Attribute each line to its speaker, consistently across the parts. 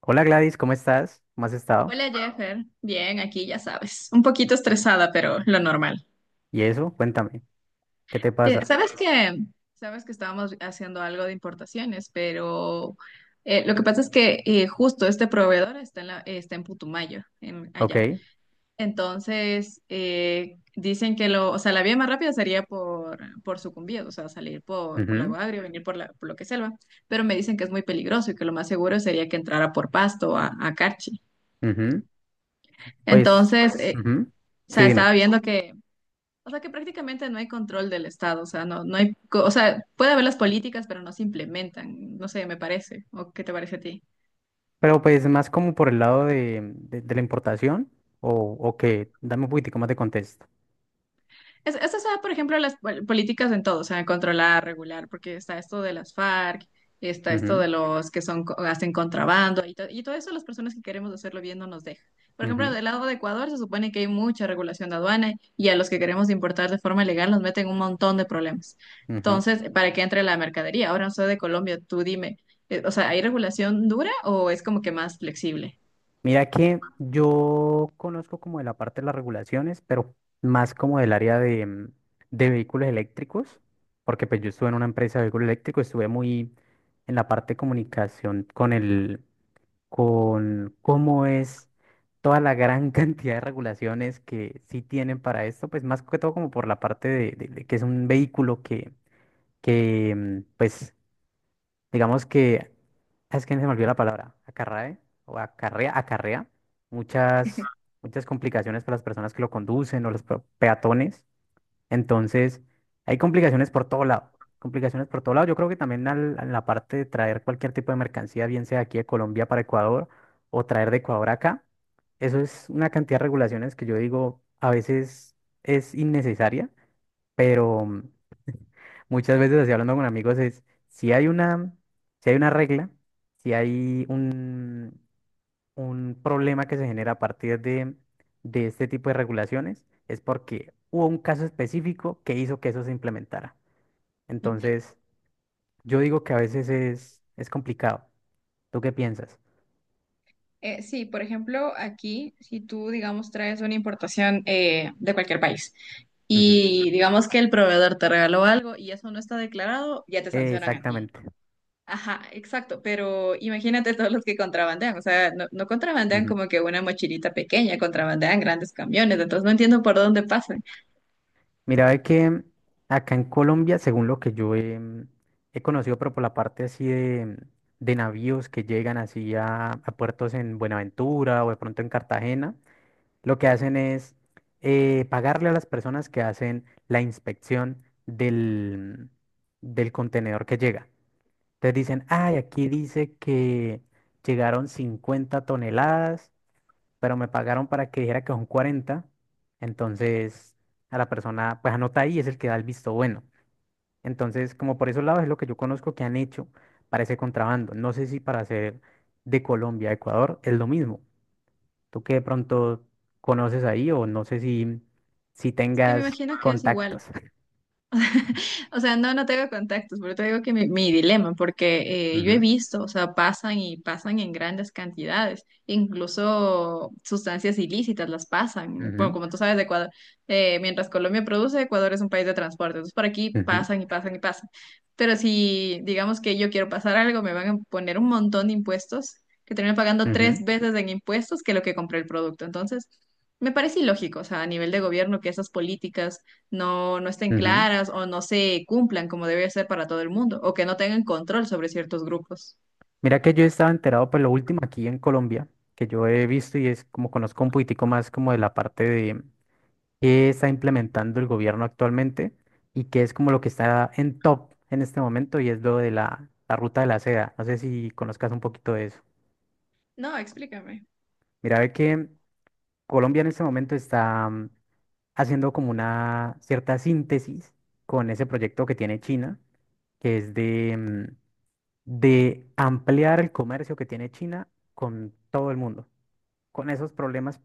Speaker 1: Hola Gladys, ¿cómo estás? ¿Cómo has estado?
Speaker 2: Hola Jeffer, bien, aquí ya sabes, un poquito estresada, pero lo normal.
Speaker 1: Y eso, cuéntame, ¿qué te
Speaker 2: Eh,
Speaker 1: pasa?
Speaker 2: sabes que, sabes que estábamos haciendo algo de importaciones, pero lo que pasa es que justo este proveedor está en Putumayo,
Speaker 1: Ok.
Speaker 2: allá. Entonces dicen que o sea, la vía más rápida sería por Sucumbíos, o sea, salir por
Speaker 1: Ujú,
Speaker 2: Lago Agrio, venir por lo que es selva, pero me dicen que es muy peligroso y que lo más seguro sería que entrara por Pasto a Carchi.
Speaker 1: ujú. Pues,
Speaker 2: Entonces,
Speaker 1: ujú.
Speaker 2: o
Speaker 1: Sí,
Speaker 2: sea, estaba
Speaker 1: dime.
Speaker 2: viendo que o sea que prácticamente no hay control del Estado, o sea, no hay, o sea, puede haber las políticas, pero no se implementan, no sé, me parece, ¿o qué te parece a ti?
Speaker 1: Pero pues más como por el lado de, de la importación o, o qué, dame un poquitico más de contexto.
Speaker 2: Esas son, por ejemplo, las políticas en todo, o sea, controlar, regular, porque está esto de las FARC, está esto
Speaker 1: Ujú,
Speaker 2: de los que son, hacen contrabando y todo eso las personas que queremos hacerlo bien no nos deja. Por ejemplo, del lado de Ecuador se supone que hay mucha regulación de aduana y a los que queremos importar de forma legal nos meten un montón de problemas.
Speaker 1: ujú, ujú.
Speaker 2: Entonces, para que entre la mercadería, ahora no soy de Colombia, tú dime, o sea, ¿hay regulación dura o es como que más flexible?
Speaker 1: Mira que yo conozco como de la parte de las regulaciones, pero más como del área de, de vehículos eléctricos, porque pues yo estuve en una empresa de vehículos eléctricos, estuve muy en la parte de comunicación con cómo es toda la gran cantidad de regulaciones que sí tienen para esto, pues más que todo como por la parte de, de que es un vehículo que pues digamos que, es que se me olvidó la palabra, acarrae o acarrea, acarrea muchas, muchas complicaciones para las personas que lo conducen o los peatones. Entonces, hay complicaciones por todo lado. Complicaciones por todo lado. Yo creo que también en la parte de traer cualquier tipo de mercancía, bien sea aquí de Colombia para Ecuador o traer de Ecuador acá, eso es una cantidad de regulaciones que yo digo a veces es innecesaria, pero muchas veces así hablando con amigos es si hay una, si hay una regla, si hay un problema que se genera a partir de, este tipo de regulaciones es porque hubo un caso específico que hizo que eso se implementara. Entonces, yo digo que a veces es complicado. ¿Tú qué piensas?
Speaker 2: Sí, por ejemplo, aquí, si tú, digamos, traes una importación de cualquier país
Speaker 1: Ujú.
Speaker 2: y digamos que el proveedor te regaló algo y eso no está declarado, ya te sancionan a ti.
Speaker 1: Exactamente.
Speaker 2: Ajá, exacto, pero imagínate todos los que contrabandean, o sea, no contrabandean
Speaker 1: Ujú.
Speaker 2: como que una mochilita pequeña, contrabandean grandes camiones, entonces no entiendo por dónde pasan.
Speaker 1: Mira, ve que acá en Colombia, según lo que yo he conocido, pero por la parte así de, navíos que llegan así a puertos en Buenaventura o de pronto en Cartagena, lo que hacen es pagarle a las personas que hacen la inspección del contenedor que llega. Entonces dicen, ay, aquí dice que llegaron 50 toneladas, pero me pagaron para que dijera que son 40. Entonces a la persona, pues anota ahí, es el que da el visto bueno. Entonces, como por esos lados es lo que yo conozco que han hecho para ese contrabando. No sé si para hacer de Colombia a Ecuador es lo mismo, tú qué de pronto conoces ahí o no sé si
Speaker 2: Es que me
Speaker 1: tengas
Speaker 2: imagino que es igual.
Speaker 1: contactos.
Speaker 2: O sea, no tengo contactos, pero te digo que mi dilema, porque yo he
Speaker 1: Ujú,
Speaker 2: visto, o sea, pasan y pasan en grandes cantidades, incluso sustancias ilícitas las pasan. Bueno,
Speaker 1: ujú,
Speaker 2: como tú sabes, de Ecuador, mientras Colombia produce, Ecuador es un país de transporte, entonces por aquí
Speaker 1: ujú,
Speaker 2: pasan y pasan y pasan. Pero si digamos que yo quiero pasar algo, me van a poner un montón de impuestos, que termino pagando
Speaker 1: ujú,
Speaker 2: tres veces en impuestos que lo que compré el producto. Entonces, me parece ilógico, o sea, a nivel de gobierno, que esas políticas no estén
Speaker 1: ujú.
Speaker 2: claras o no se cumplan como debe ser para todo el mundo, o que no tengan control sobre ciertos grupos.
Speaker 1: Mira que yo estaba enterado pues lo último aquí en Colombia, que yo he visto y es como conozco un poquitico más como de la parte de qué está implementando el gobierno actualmente y qué es como lo que está en top en este momento y es lo de la ruta de la seda. No sé si conozcas un poquito de eso.
Speaker 2: No, explícame.
Speaker 1: Mira, ve que Colombia en este momento está haciendo como una cierta síntesis con ese proyecto que tiene China, que es de, de ampliar el comercio que tiene China con todo el mundo. Con esos problemas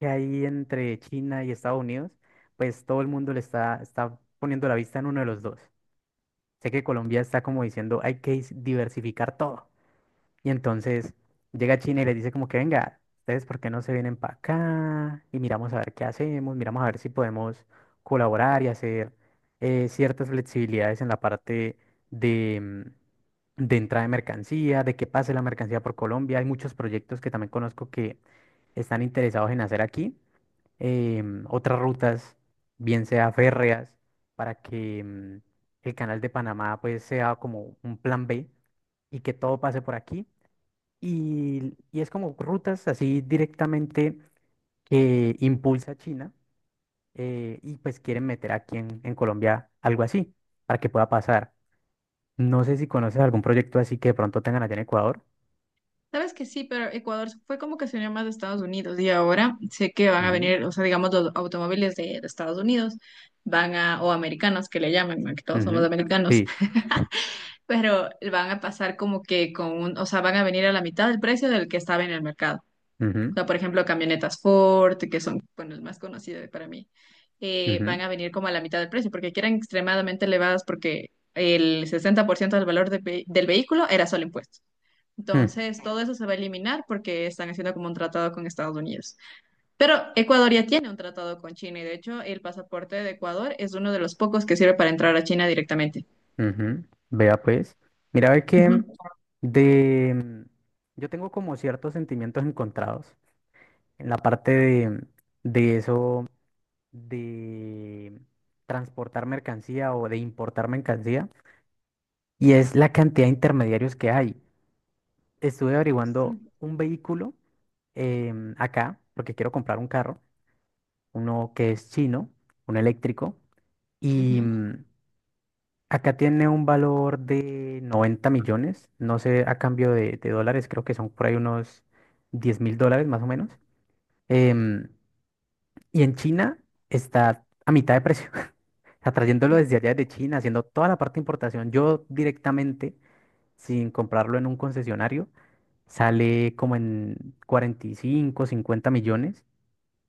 Speaker 1: que hay entre China y Estados Unidos, pues todo el mundo le está poniendo la vista en uno de los dos. Sé que Colombia está como diciendo, hay que diversificar todo. Y entonces llega China y les dice como que venga, ustedes por qué no se vienen para acá y miramos a ver qué hacemos, miramos a ver si podemos colaborar y hacer ciertas flexibilidades en la parte de, de entrada de mercancía, de que pase la mercancía por Colombia. Hay muchos proyectos que también conozco que están interesados en hacer aquí, otras rutas, bien sea férreas, para que el canal de Panamá pues sea como un plan B y que todo pase por aquí y es como rutas así directamente que impulsa China y pues quieren meter aquí en Colombia algo así para que pueda pasar. No sé si conoces algún proyecto así que de pronto tengan allá en Ecuador.
Speaker 2: Sabes que sí, pero Ecuador fue como que se unió más de Estados Unidos y ahora sé que van a
Speaker 1: Ujú.
Speaker 2: venir, o sea, digamos, los automóviles de Estados Unidos van a, o americanos que le llamen, ¿no? Que todos somos
Speaker 1: Ujú,
Speaker 2: americanos,
Speaker 1: sí,
Speaker 2: pero van a pasar como que o sea, van a venir a la mitad del precio del que estaba en el mercado. O
Speaker 1: ujú,
Speaker 2: sea, por ejemplo, camionetas Ford, que son, bueno, el más conocido para mí,
Speaker 1: ujú,
Speaker 2: van a venir como a la mitad del precio, porque que eran extremadamente elevadas, porque el 60% del valor del vehículo era solo impuesto.
Speaker 1: mm,
Speaker 2: Entonces, todo eso se va a eliminar porque están haciendo como un tratado con Estados Unidos. Pero Ecuador ya tiene un tratado con China y de hecho el pasaporte de Ecuador es uno de los pocos que sirve para entrar a China directamente.
Speaker 1: ujú. Vea pues. Mira, ve que
Speaker 2: Ujú.
Speaker 1: de... mm, yo tengo como ciertos sentimientos encontrados en la parte de, eso, de transportar mercancía o de importar mercancía, y es la cantidad de intermediarios que hay. Estuve averiguando un vehículo acá porque quiero comprar un carro, uno que es chino, un eléctrico, y
Speaker 2: Ujú.
Speaker 1: acá tiene un valor de 90 millones, no sé, a cambio de, dólares, creo que son por ahí unos 10.000 dólares más o menos. em, y en China está a mitad de precio. O sea, trayéndolo desde allá de China, haciendo toda la parte de importación, yo directamente, sin comprarlo en un concesionario, sale como en 45, 50 millones,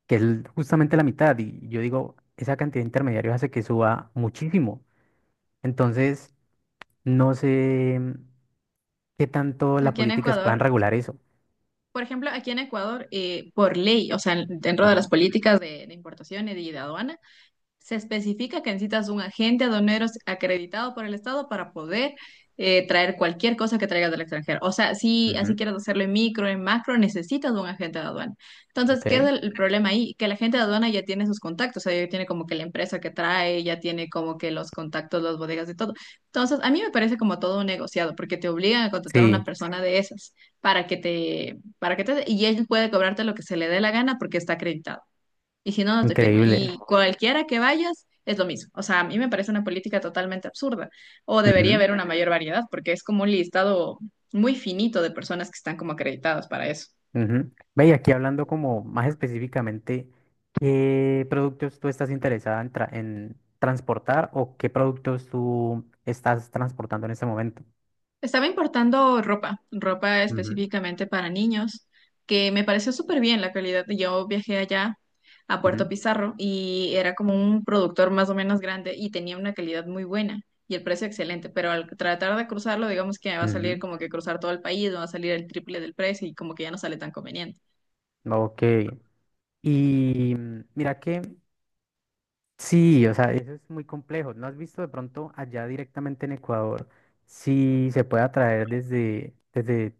Speaker 1: que es justamente la mitad. Y yo digo, esa cantidad de intermediarios hace que suba muchísimo. Entonces, no sé qué
Speaker 2: O
Speaker 1: tanto
Speaker 2: sea,
Speaker 1: las
Speaker 2: aquí en
Speaker 1: políticas puedan
Speaker 2: Ecuador,
Speaker 1: regular eso.
Speaker 2: por ejemplo, aquí en Ecuador, por ley, o sea, dentro de las
Speaker 1: Ujú,
Speaker 2: políticas de importación y de aduana, se especifica que necesitas un agente aduanero acreditado por el Estado para poder traer cualquier cosa que traigas del extranjero. O sea, si así
Speaker 1: ujú.
Speaker 2: quieres hacerlo en micro, en macro, necesitas un agente de aduana. Entonces, ¿qué es
Speaker 1: Ok.
Speaker 2: el problema ahí? Que el agente de aduana ya tiene sus contactos, o sea, ya tiene como que la empresa que trae, ya tiene como que los contactos, las bodegas y todo. Entonces, a mí me parece como todo un negociado, porque te obligan a contratar a
Speaker 1: Sí,
Speaker 2: una persona de esas y él puede cobrarte lo que se le dé la gana porque está acreditado y si no, no te firma.
Speaker 1: increíble.
Speaker 2: Y cualquiera que vayas es lo mismo. O sea, a mí me parece una política totalmente absurda. O debería haber una mayor variedad, porque es como un listado muy finito de personas que están como acreditadas para eso.
Speaker 1: Ujú. Ve, y aquí hablando como más específicamente, ¿qué productos tú estás interesada en, en transportar, o qué productos tú estás transportando en este momento?
Speaker 2: Estaba importando ropa
Speaker 1: Ujú.
Speaker 2: específicamente para niños, que me pareció súper bien la calidad. Yo viajé allá a Puerto
Speaker 1: Ujú,
Speaker 2: Pizarro y era como un productor más o menos grande y tenía una calidad muy buena y el precio excelente, pero al tratar de cruzarlo, digamos que va a salir
Speaker 1: ujú.
Speaker 2: como que cruzar todo el país, va a salir el triple del precio y como que ya no sale tan conveniente.
Speaker 1: Ok. Y mira que sí, o sea, eso es muy complejo. ¿No has visto de pronto allá directamente en Ecuador si se puede traer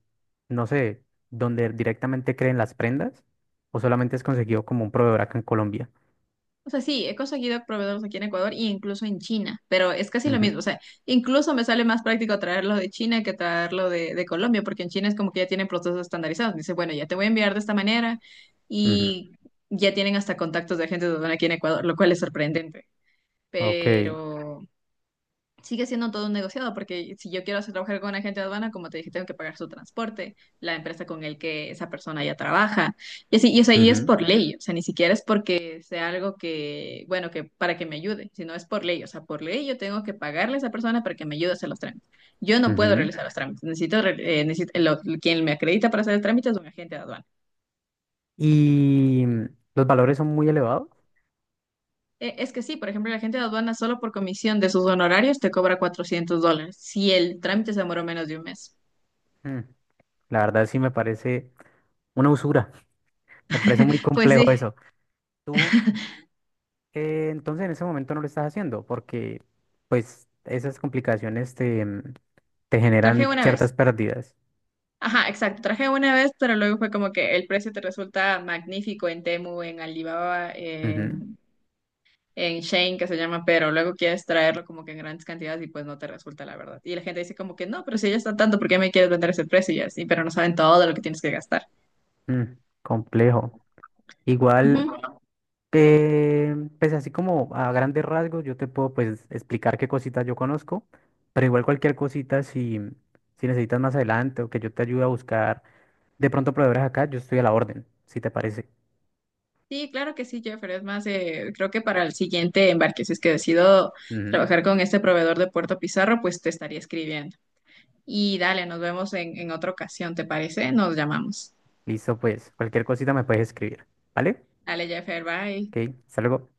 Speaker 1: no sé, donde directamente creen las prendas, o solamente es conseguido como un proveedor acá en Colombia?
Speaker 2: O sea, sí, he conseguido proveedores aquí en Ecuador e incluso en China, pero es casi lo mismo. O sea, incluso me sale más práctico traerlo de China que traerlo de Colombia, porque en China es como que ya tienen procesos estandarizados. Dice, bueno, ya te voy a enviar de esta manera
Speaker 1: Ujú,
Speaker 2: y ya tienen hasta contactos de agentes de aduana aquí en Ecuador, lo cual es sorprendente.
Speaker 1: ok,
Speaker 2: Pero sigue siendo todo un negociado, porque si yo quiero hacer trabajar con un agente de aduana, como te dije, tengo que pagar su transporte, la empresa con el que esa persona ya trabaja, y así, o sea, y es
Speaker 1: ujú,
Speaker 2: por ley, o sea, ni siquiera es porque sea algo que, bueno, que para que me ayude, sino es por ley, o sea, por ley yo tengo que pagarle a esa persona para que me ayude a hacer los trámites. Yo no puedo
Speaker 1: ujú.
Speaker 2: realizar los trámites, necesito, re- necesito- lo- quien me acredita para hacer el trámite es un agente de aduana.
Speaker 1: Y los valores son muy elevados.
Speaker 2: Es que sí, por ejemplo, la gente de aduana solo por comisión de sus honorarios te cobra $400 si el trámite se demoró menos de un mes.
Speaker 1: Mm, La verdad sí me parece una usura. Me parece muy
Speaker 2: Pues
Speaker 1: complejo
Speaker 2: sí,
Speaker 1: eso. Tú, entonces en ese momento no lo estás haciendo porque pues esas complicaciones te
Speaker 2: traje
Speaker 1: generan
Speaker 2: una
Speaker 1: ciertas
Speaker 2: vez.
Speaker 1: pérdidas.
Speaker 2: Ajá, exacto. Traje una vez, pero luego fue como que el precio te resulta magnífico en Temu, en Alibaba,
Speaker 1: Ujú,
Speaker 2: en Shein, que se llama, pero luego quieres traerlo como que en grandes cantidades y pues no te resulta, la verdad. Y la gente dice como que no, pero si ya está tanto, ¿por qué me quieres vender ese precio? Y así, pero no saben todo lo que tienes que gastar.
Speaker 1: mm, complejo. Igual.
Speaker 2: Ujú.
Speaker 1: Pues así como a grandes rasgos, yo te puedo pues explicar qué cositas yo conozco, pero igual cualquier cosita si necesitas más adelante, o que yo te ayude a buscar de pronto proveedores acá, yo estoy a la orden, si te parece.
Speaker 2: Sí, claro que sí, Jeffrey. Es más, creo que para el siguiente embarque, si es que decido
Speaker 1: Ujú.
Speaker 2: trabajar con este proveedor de Puerto Pizarro, pues te estaría escribiendo. Y dale, nos vemos en otra ocasión, ¿te parece? Nos llamamos.
Speaker 1: Listo, pues cualquier cosita me puedes escribir, ¿vale?
Speaker 2: Dale, Jeffer, bye.
Speaker 1: Ok, hasta luego.